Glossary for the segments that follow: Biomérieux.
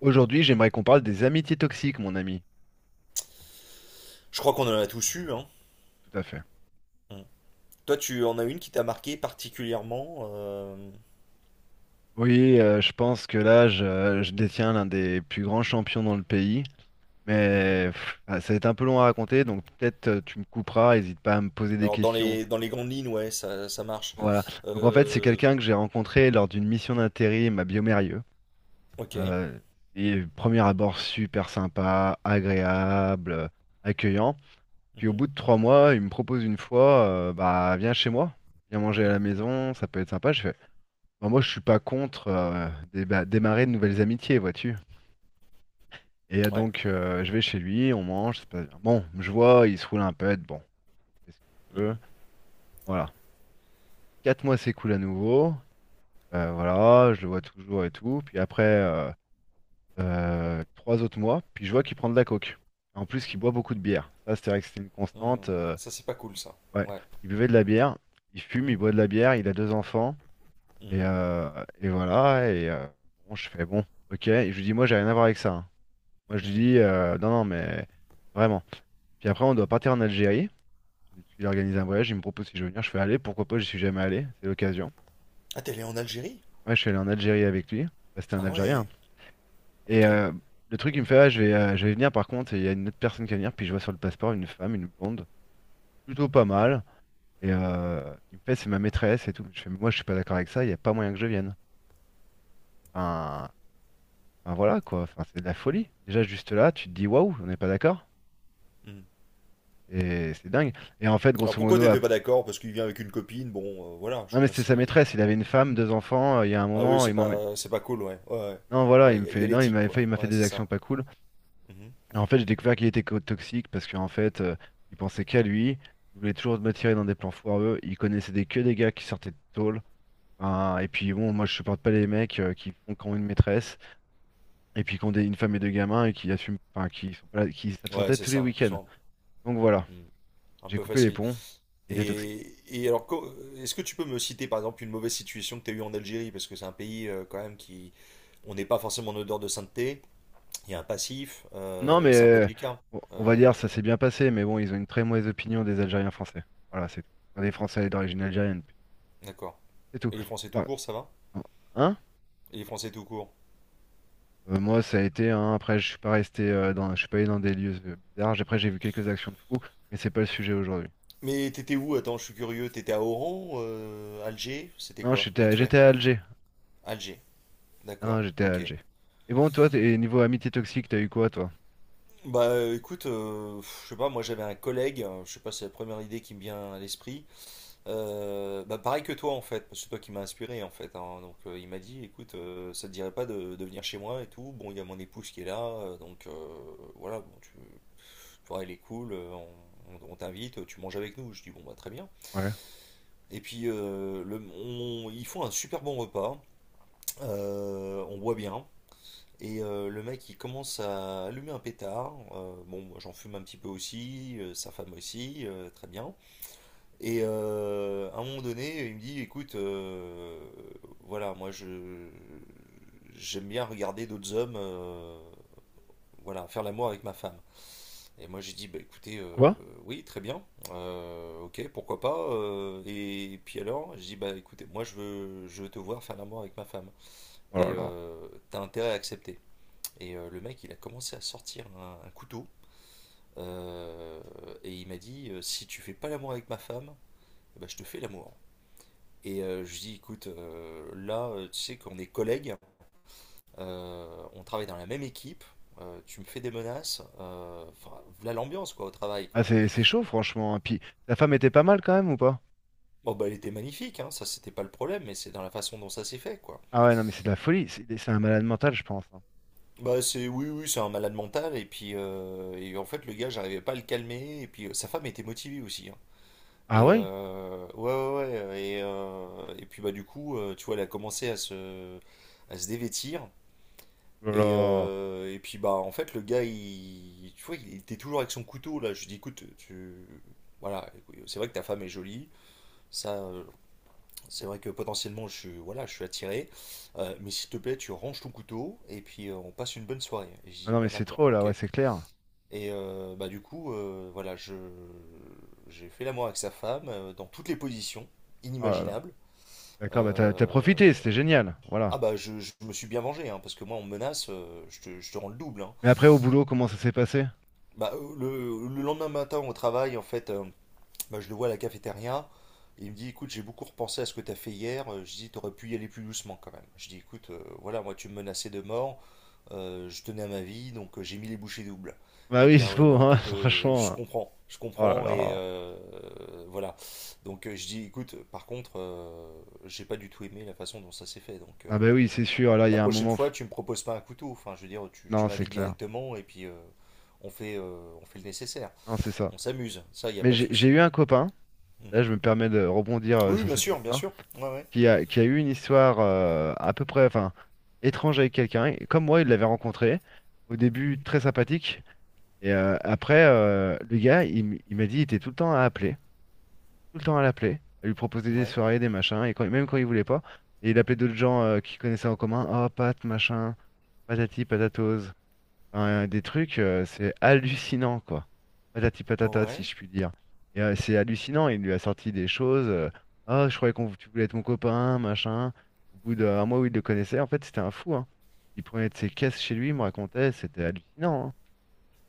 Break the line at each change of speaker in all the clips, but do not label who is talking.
Aujourd'hui, j'aimerais qu'on parle des amitiés toxiques, mon ami.
Je crois qu'on en a tous eu. Hein.
Tout à fait.
Mm. Toi, tu en as une qui t'a marqué particulièrement
Oui, je pense que là, je détiens l'un des plus grands champions dans le pays.
mhm.
Mais pff, ah, ça va être un peu long à raconter, donc peut-être tu me couperas, n'hésite pas à me poser des
Alors, dans
questions.
les grandes lignes, ouais, ça marche.
Voilà. Donc en fait, c'est
Euh,
quelqu'un que j'ai rencontré lors d'une mission d'intérim à Biomérieux.
ok.
Euh, et premier abord super sympa, agréable, accueillant. Puis au
Mhm,
bout de 3 mois, il me propose une fois, bah viens chez moi, viens manger à
mhm,
la maison, ça peut être sympa. Je fais, bah, moi, je suis pas contre démarrer de nouvelles amitiés, vois-tu. Et
Ouais.
donc, je vais chez lui, on mange, c'est pas bon, je vois, il se roule un pet, bon, c'est ce qu'il veut.
Mhm.
Voilà. 4 mois s'écoulent à nouveau. Voilà, je le vois toujours et tout. Puis après, 3 autres mois, puis je vois qu'il prend de la coke. En plus, qu'il boit beaucoup de bière. Ça, c'est vrai que c'était une constante.
Mm. Ça, c'est pas cool,
Il-
ça.
ouais,
Ouais.
il buvait de la bière, il fume,
Mhm,
il boit de la bière, il a deux enfants. Et,
mhm,
et voilà, bon, je fais bon, ok. Et je lui dis, moi, j'ai rien à voir avec ça. Hein. Moi, je lui
mhm.
dis, non, non, mais vraiment. Puis après, on doit partir en Algérie. Il a organisé un voyage, il me propose si je veux venir. Je fais aller, pourquoi pas, j'y suis jamais allé, c'est l'occasion.
Ah, t'es allé en Algérie?
Ouais, je suis allé en Algérie avec lui. Bah, c'était un
Ah
Algérien.
ouais.
Et
Ok.
euh, le truc, il me fait, ah, je vais venir par contre, et il y a une autre personne qui va venir. Puis je vois sur le passeport une femme, une blonde, plutôt pas
Mhm,
mal. Il me fait, c'est ma maîtresse et tout. Je fais, mais moi, je suis pas d'accord avec ça, il n'y a pas moyen que je vienne. Enfin, enfin, voilà quoi, enfin, c'est de la folie. Déjà, juste là, tu te dis, waouh, on n'est pas d'accord.
mhm.
Et c'est dingue. Et en fait,
Alors,
grosso
pourquoi
modo.
t'étais pas d'accord? Parce qu'il vient avec une copine. Bon, voilà, je
Non,
veux
mais
dire,
c'était sa
c'est...
maîtresse, il avait une femme, deux enfants, il y a un
Ah oui,
moment,
c'est pas, c'est pas cool, ouais. Ouais, ouais.
Non, voilà,
Ouais,
il
il
me
y a, y
fait.
a
Non, il
l'éthique,
m'avait fait.
quoi.
Il m'a fait
Ouais,
des
c'est
actions
ça.
pas cool.
Mhm.
Et en fait, j'ai découvert qu'il était toxique parce qu'en fait, il pensait qu'à lui, il voulait toujours me tirer dans des plans foireux, il connaissait que des gars qui sortaient de tôle. Enfin, et puis bon, moi je supporte pas les mecs qui font quand une maîtresse, et puis qui ont une femme et deux gamins, et qui assument, enfin, qui sont pas là- qui
Ouais,
s'absentaient
c'est
tous les
ça, qui
week-ends.
sont...
Donc voilà,
Mm. Un
j'ai
peu
coupé les
facile.
ponts, il était toxique.
Et alors, est-ce que tu peux me citer par exemple une mauvaise situation que tu as eue en Algérie? Parce que c'est un pays quand même qui. On n'est pas forcément en odeur de sainteté, il y a un passif,
Non, mais
c'est un peu délicat.
on
Euh,
va dire ça s'est bien passé, mais bon, ils ont une très mauvaise opinion des Algériens français. Voilà, c'est tout. Enfin, des Français d'origine algérienne, plutôt.
d'accord.
C'est tout.
Et les Français tout
Enfin,
court, ça va?
hein?
Et les Français tout court.
Moi, ça a été. Hein, après, je suis pas resté je suis pas allé dans des lieux bizarres. Après, j'ai vu quelques actions de fous, mais c'est pas le sujet aujourd'hui.
Mais t'étais où? Attends, je suis curieux. T'étais à Oran, Alger? C'était
Non,
quoi? Vite fait.
j'étais à Alger.
Alger. D'accord.
Non, j'étais à
Ok.
Alger. Et bon, toi, niveau amitié toxique, t'as eu quoi, toi?
Bah écoute, je sais pas, moi j'avais un collègue, je sais pas, c'est la première idée qui me vient à l'esprit. Bah pareil que toi en fait, parce que c'est toi qui m'as inspiré en fait, hein. Donc il m'a dit, écoute, ça te dirait pas de venir chez moi et tout. Bon, il y a mon épouse qui est là, donc voilà, bon, tu vois, elle est cool, on, on t'invite, tu manges avec nous. Je dis bon bah très bien.
Ouais.
Et puis ils font un super bon repas, on boit bien. Et le mec il commence à allumer un pétard. Bon, moi j'en fume un petit peu aussi, sa femme aussi, très bien. Et à un moment donné, il me dit, écoute, voilà, moi je j'aime bien regarder d'autres hommes, voilà, faire l'amour avec ma femme. Et moi j'ai dit, bah écoutez,
Quoi?
oui, très bien, ok, pourquoi pas. Et puis alors, j'ai dit, bah écoutez, moi je veux te voir faire l'amour avec ma femme.
Oh là
Et
là.
t'as intérêt à accepter. Et le mec, il a commencé à sortir un couteau. euh, et il m'a dit, si tu fais pas l'amour avec ma femme, bah, je te fais l'amour. Et je dis, écoute, là, tu sais qu'on est collègues, on travaille dans la même équipe, tu me fais des menaces, enfin, voilà l'ambiance, quoi, au travail,
Ah,
quoi.
c'est chaud, franchement. Hein. Puis, ta femme était pas mal quand même ou pas?
Bon, bah, elle était magnifique, hein, ça, c'était pas le problème, mais c'est dans la façon dont ça s'est fait, quoi.
Ah ouais, non, mais c'est de la folie. C'est un malade mental, je pense. Hein.
Bah, c'est, oui, oui, c'est un malade mental, et puis, et en fait, le gars, j'arrivais pas à le calmer, et puis, sa femme était motivée aussi, hein.
Ah
Et,
ouais?
et puis, bah, du coup, tu vois, elle a commencé à se dévêtir.
Oh là là.
Et puis bah en fait le gars il tu vois il était toujours avec son couteau là je lui dis écoute tu voilà c'est vrai que ta femme est jolie ça c'est vrai que potentiellement je suis voilà je suis attiré mais s'il te plaît tu ranges ton couteau et puis on passe une bonne soirée et je
Ah
dis
non, mais
bah
c'est
d'accord
trop là,
ok
ouais,
et
c'est clair.
bah du coup voilà je j'ai fait l'amour avec sa femme dans toutes les positions
Oh là là.
inimaginables.
D'accord, bah t'as
Euh,
profité, c'était génial. Voilà.
je me suis bien vengé hein, parce que moi on me menace je te rends le double hein.
Mais après, au boulot, comment ça s'est passé?
Bah, le lendemain matin au travail, en fait, bah, je le vois à la cafétéria. Il me dit, écoute, j'ai beaucoup repensé à ce que t'as fait hier. Je dis, t'aurais pu y aller plus doucement quand même. Je dis, écoute, voilà, moi tu me menaçais de mort. Je tenais à ma vie, donc j'ai mis les bouchées doubles. Et
Bah
il
oui,
dit,
il
ah oui,
faut,
bon,
hein,
écoute, je
franchement.
comprends, je
Oh là
comprends. Et
là.
voilà. Donc je dis, écoute, par contre, j'ai pas du tout aimé la façon dont ça s'est fait. Donc
Ah bah oui, c'est sûr, là, il y
la
a un
prochaine
moment.
fois, tu me proposes pas un couteau. Enfin, je veux dire, tu
Non, c'est
m'invites
clair.
directement et puis on fait le nécessaire.
Non, c'est ça.
On s'amuse. Ça, il n'y a
Mais
pas de
j'ai
souci.
eu un copain,
Mhm.
là, je me permets de rebondir
Oui,
sur
bien
cette
sûr, bien
histoire,
sûr. Ouais, ouais.
qui a eu une histoire à peu près, enfin, étrange avec quelqu'un. Et comme moi, il l'avait rencontré. Au début, très sympathique. Après, le gars, il m'a dit, il était tout le temps à appeler. Tout le temps à l'appeler, à lui proposer des
Ouais.
soirées, des machins, et même quand il voulait pas. Et il appelait d'autres gens qu'il connaissait en commun, oh Pat, machin, patati patatose. Enfin, des trucs, c'est hallucinant, quoi. Patati
Oh,
patata, si
Ouais.
je puis dire. C'est hallucinant, il lui a sorti des choses. Ah, je croyais qu'on tu voulais être mon copain, machin. Au bout d'un mois où il le connaissait, en fait, c'était un fou, hein. Il prenait de ses caisses chez lui, il me racontait, c'était hallucinant. Hein.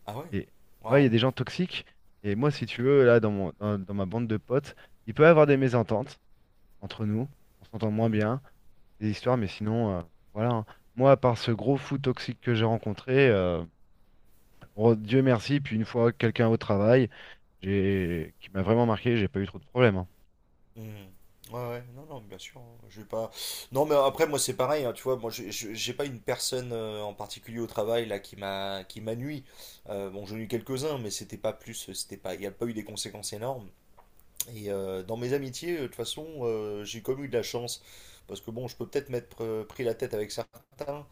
Ah ouais.
Et ah ouais, il y
Waouh.
a des gens toxiques. Et moi, si tu veux, là, dans mon, dans dans ma bande de potes, il peut y avoir des mésententes entre nous. On s'entend moins
Mhm.
bien, des histoires, mais sinon, voilà. Hein. Moi, à part ce gros fou toxique que j'ai rencontré, oh, Dieu merci, puis une fois quelqu'un au travail, j'ai qui m'a vraiment marqué, j'ai pas eu trop de problèmes. Hein.
Mhm. Ouais, ouais. Non, non, bien sûr. Je vais pas. Non, mais après, moi, c'est pareil, hein, tu vois, moi, j'ai pas une personne en particulier au travail là qui m'a nui. Bon, j'en ai eu quelques-uns, mais c'était pas plus. C'était pas. Il n'y a pas eu des conséquences énormes. Et dans mes amitiés, de toute façon, j'ai comme eu de la chance. Parce que bon, je peux peut-être m'être pris la tête avec certains,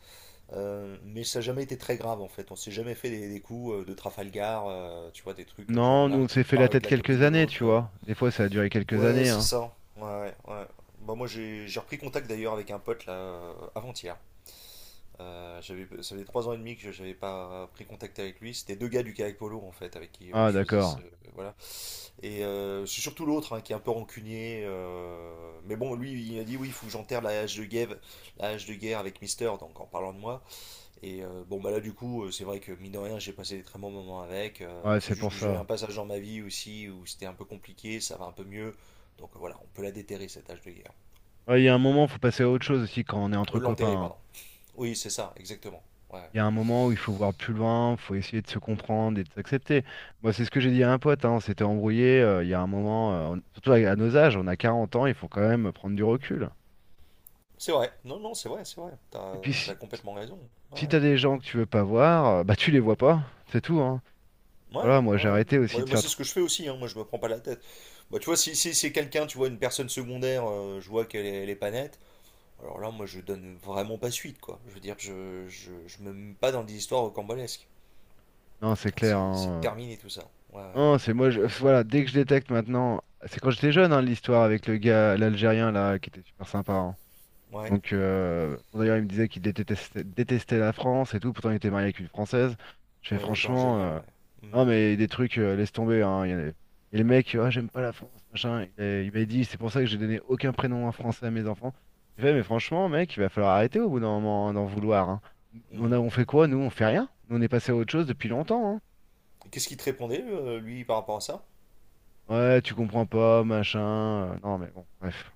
mais ça n'a jamais été très grave en fait. On s'est jamais fait des coups de Trafalgar, tu vois, des trucs genre
Non, nous
l'un
on
qui
s'est fait
part
la
avec
tête
la copine
quelques
de
années, tu
l'autre.
vois. Des fois, ça a duré quelques
Ouais,
années,
c'est
hein.
ça. Ouais, ouais. Ouais. Bah, moi, j'ai repris contact d'ailleurs avec un pote là avant-hier. Ça faisait 3 ans et demi que je n'avais pas pris contact avec lui. C'était deux gars du Kayak Polo en fait, avec qui
Ah,
je faisais ce,
d'accord.
voilà. Et c'est surtout l'autre hein, qui est un peu rancunier. Mais bon, lui, il a dit oui, il faut que j'enterre la hache de guerre, la hache de guerre avec Mister, donc en parlant de moi. Et bon, bah là, du coup, c'est vrai que mine de rien, j'ai passé des très bons moments avec.
Ouais,
C'est
c'est
juste
pour
que j'ai eu
ça.
un passage dans ma vie aussi où c'était un peu compliqué, ça va un peu mieux. Donc voilà, on peut la déterrer, cette hache de guerre.
Ouais, il y a un moment, faut passer à autre chose aussi quand on est entre
L'enterrer,
copains. Hein.
pardon. Oui, c'est ça, exactement. Ouais.
Il y a un moment où il faut voir plus loin, faut essayer de se comprendre et de s'accepter. Moi, c'est ce que j'ai dit à un pote, hein, on s'était embrouillé, il y a un moment, surtout à nos âges, on a 40 ans, il faut quand même prendre du recul.
C'est vrai. Non, non, c'est vrai, c'est vrai.
Et
T'as,
puis,
t'as
si,
complètement raison. Ouais,
si
ouais.
t'as des gens que tu veux pas voir, bah tu les vois pas, c'est tout, hein.
Ouais,
Voilà, moi j'ai
ouais.
arrêté aussi
Moi,
de
moi,
faire
c'est ce
trop.
que je fais aussi, hein. Moi, je me prends pas la tête. Bah, tu vois, si, si c'est quelqu'un, tu vois, une personne secondaire, je vois qu'elle est, elle est pas nette, alors là, moi, je donne vraiment pas suite, quoi. Je veux dire, je me mets pas dans des histoires rocambolesques.
Non, c'est
Enfin,
clair,
c'est
hein.
terminé tout ça. Ouais, ouais.
Non, c'est moi, voilà, dès que je détecte maintenant, c'est quand j'étais jeune, hein, l'histoire avec le gars, l'Algérien là, qui était super sympa, hein.
Ouais,
Donc, bon, d'ailleurs, il me disait qu'il détestait la France et tout, pourtant il était marié avec une Française. Je fais
ouais, d'accord,
franchement,
génial, ouais.
non,
Hmm,
mais des trucs, laisse tomber. Hein. Il y en a- Et le mec, ah, j'aime pas la France, machin. Il m'a dit, c'est pour ça que j'ai donné aucun prénom en français à mes enfants. J'ai fait, mais franchement, mec, il va falloir arrêter au bout d'un moment hein, d'en vouloir. Hein. On
hmm.
a, on fait quoi, nous? On fait rien. Nous, on est passé à autre chose depuis longtemps. Hein.
Et qu'est-ce qu'il te répondait, lui, par rapport à ça?
Ouais, tu comprends pas, machin. Non, mais bon, bref.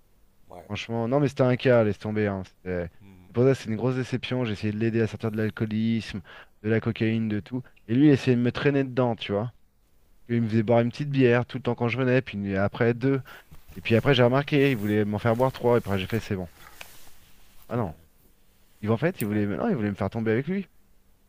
Ouais, bon.
Franchement, non, mais c'était un cas, laisse tomber. Hein.
Hmm,
C'est pour ça, c'est une grosse déception. J'ai essayé de l'aider à sortir de l'alcoolisme, de la cocaïne, de tout. Et lui, il essayait de me traîner dedans, tu vois. Il me faisait boire une petite bière tout le temps quand je venais, puis après deux. Et puis après, j'ai remarqué, il voulait m'en faire boire trois. Et après, j'ai fait, c'est bon. Ah non.
hmm,
En fait, il voulait,
Ouais.
non, il voulait me faire tomber avec lui,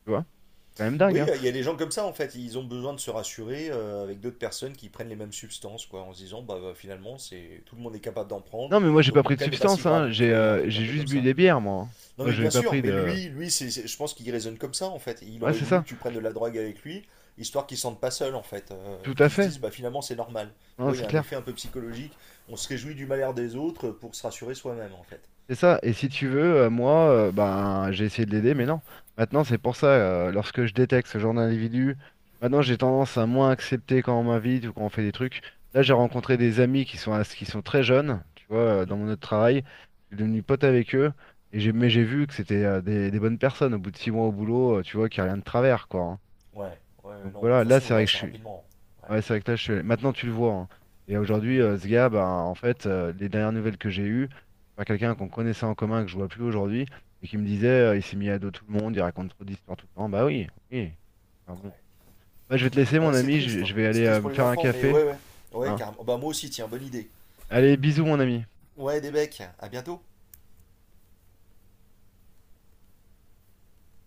tu vois. C'est quand même dingue,
Oui,
hein.
il y a des gens comme ça en fait, ils ont besoin de se rassurer avec d'autres personnes qui prennent les mêmes substances, quoi, en se disant finalement c'est tout le monde est capable d'en prendre,
Non, mais moi, j'ai pas
donc mon
pris de
cas n'est pas si
substance, hein.
grave, tu
J'ai
vois, il y a un
euh,
truc un
j'ai
peu
juste
comme
bu
ça.
des bières, moi. Hein.
Non
Moi,
mais
je n'ai
bien
pas
sûr,
pris
mais
de.
lui, je pense qu'il raisonne comme ça en fait, il
Ouais,
aurait
c'est
voulu
ça.
que tu prennes de la drogue avec lui, histoire qu'il se sente pas seul en fait,
Tout à
qu'il se
fait.
dise bah finalement c'est normal, tu
Non,
vois, il y
c'est
a un
clair.
effet un peu psychologique, on se réjouit du malheur des autres pour se rassurer soi-même en fait.
C'est ça, et si tu veux, moi, ben, j'ai essayé de l'aider, mais non. Maintenant, c'est pour ça, lorsque je détecte ce genre d'individu, maintenant j'ai tendance à moins accepter quand on m'invite ou quand on fait des trucs. Là, j'ai rencontré des amis qui sont très jeunes, tu vois, dans
Mhm.
mon autre travail. Je suis devenu pote avec eux, et j'ai vu que c'était des bonnes personnes. Au bout de 6 mois au boulot, tu vois, qu'il n'y a rien de travers, quoi. Hein.
Ouais, ouais,
Donc
non, de toute
voilà, là,
façon on
c'est
le voit
vrai que je
assez
suis.
rapidement. Ouais.
Ouais, c'est vrai que là, maintenant tu le vois. Hein. Et aujourd'hui, ce
Mhm.
gars, ben, en fait, les dernières nouvelles que j'ai eues, c'est pas quelqu'un qu'on connaissait en commun, que je vois plus aujourd'hui, et qui me disait, il s'est mis à dos tout le monde, il raconte trop d'histoires tout le temps. Bah oui, oui. Enfin bon.
Ouais.
Bah, je vais te laisser,
Ouais,
mon
c'est
ami, je,
triste.
je vais
C'est
aller
triste
me
pour les
faire un
enfants, mais
café.
ouais, ouais. Ouais,
Hein.
carrément. Bah, moi aussi, tiens, bonne idée.
Allez, bisous, mon ami.
Ouais, des becs, à bientôt.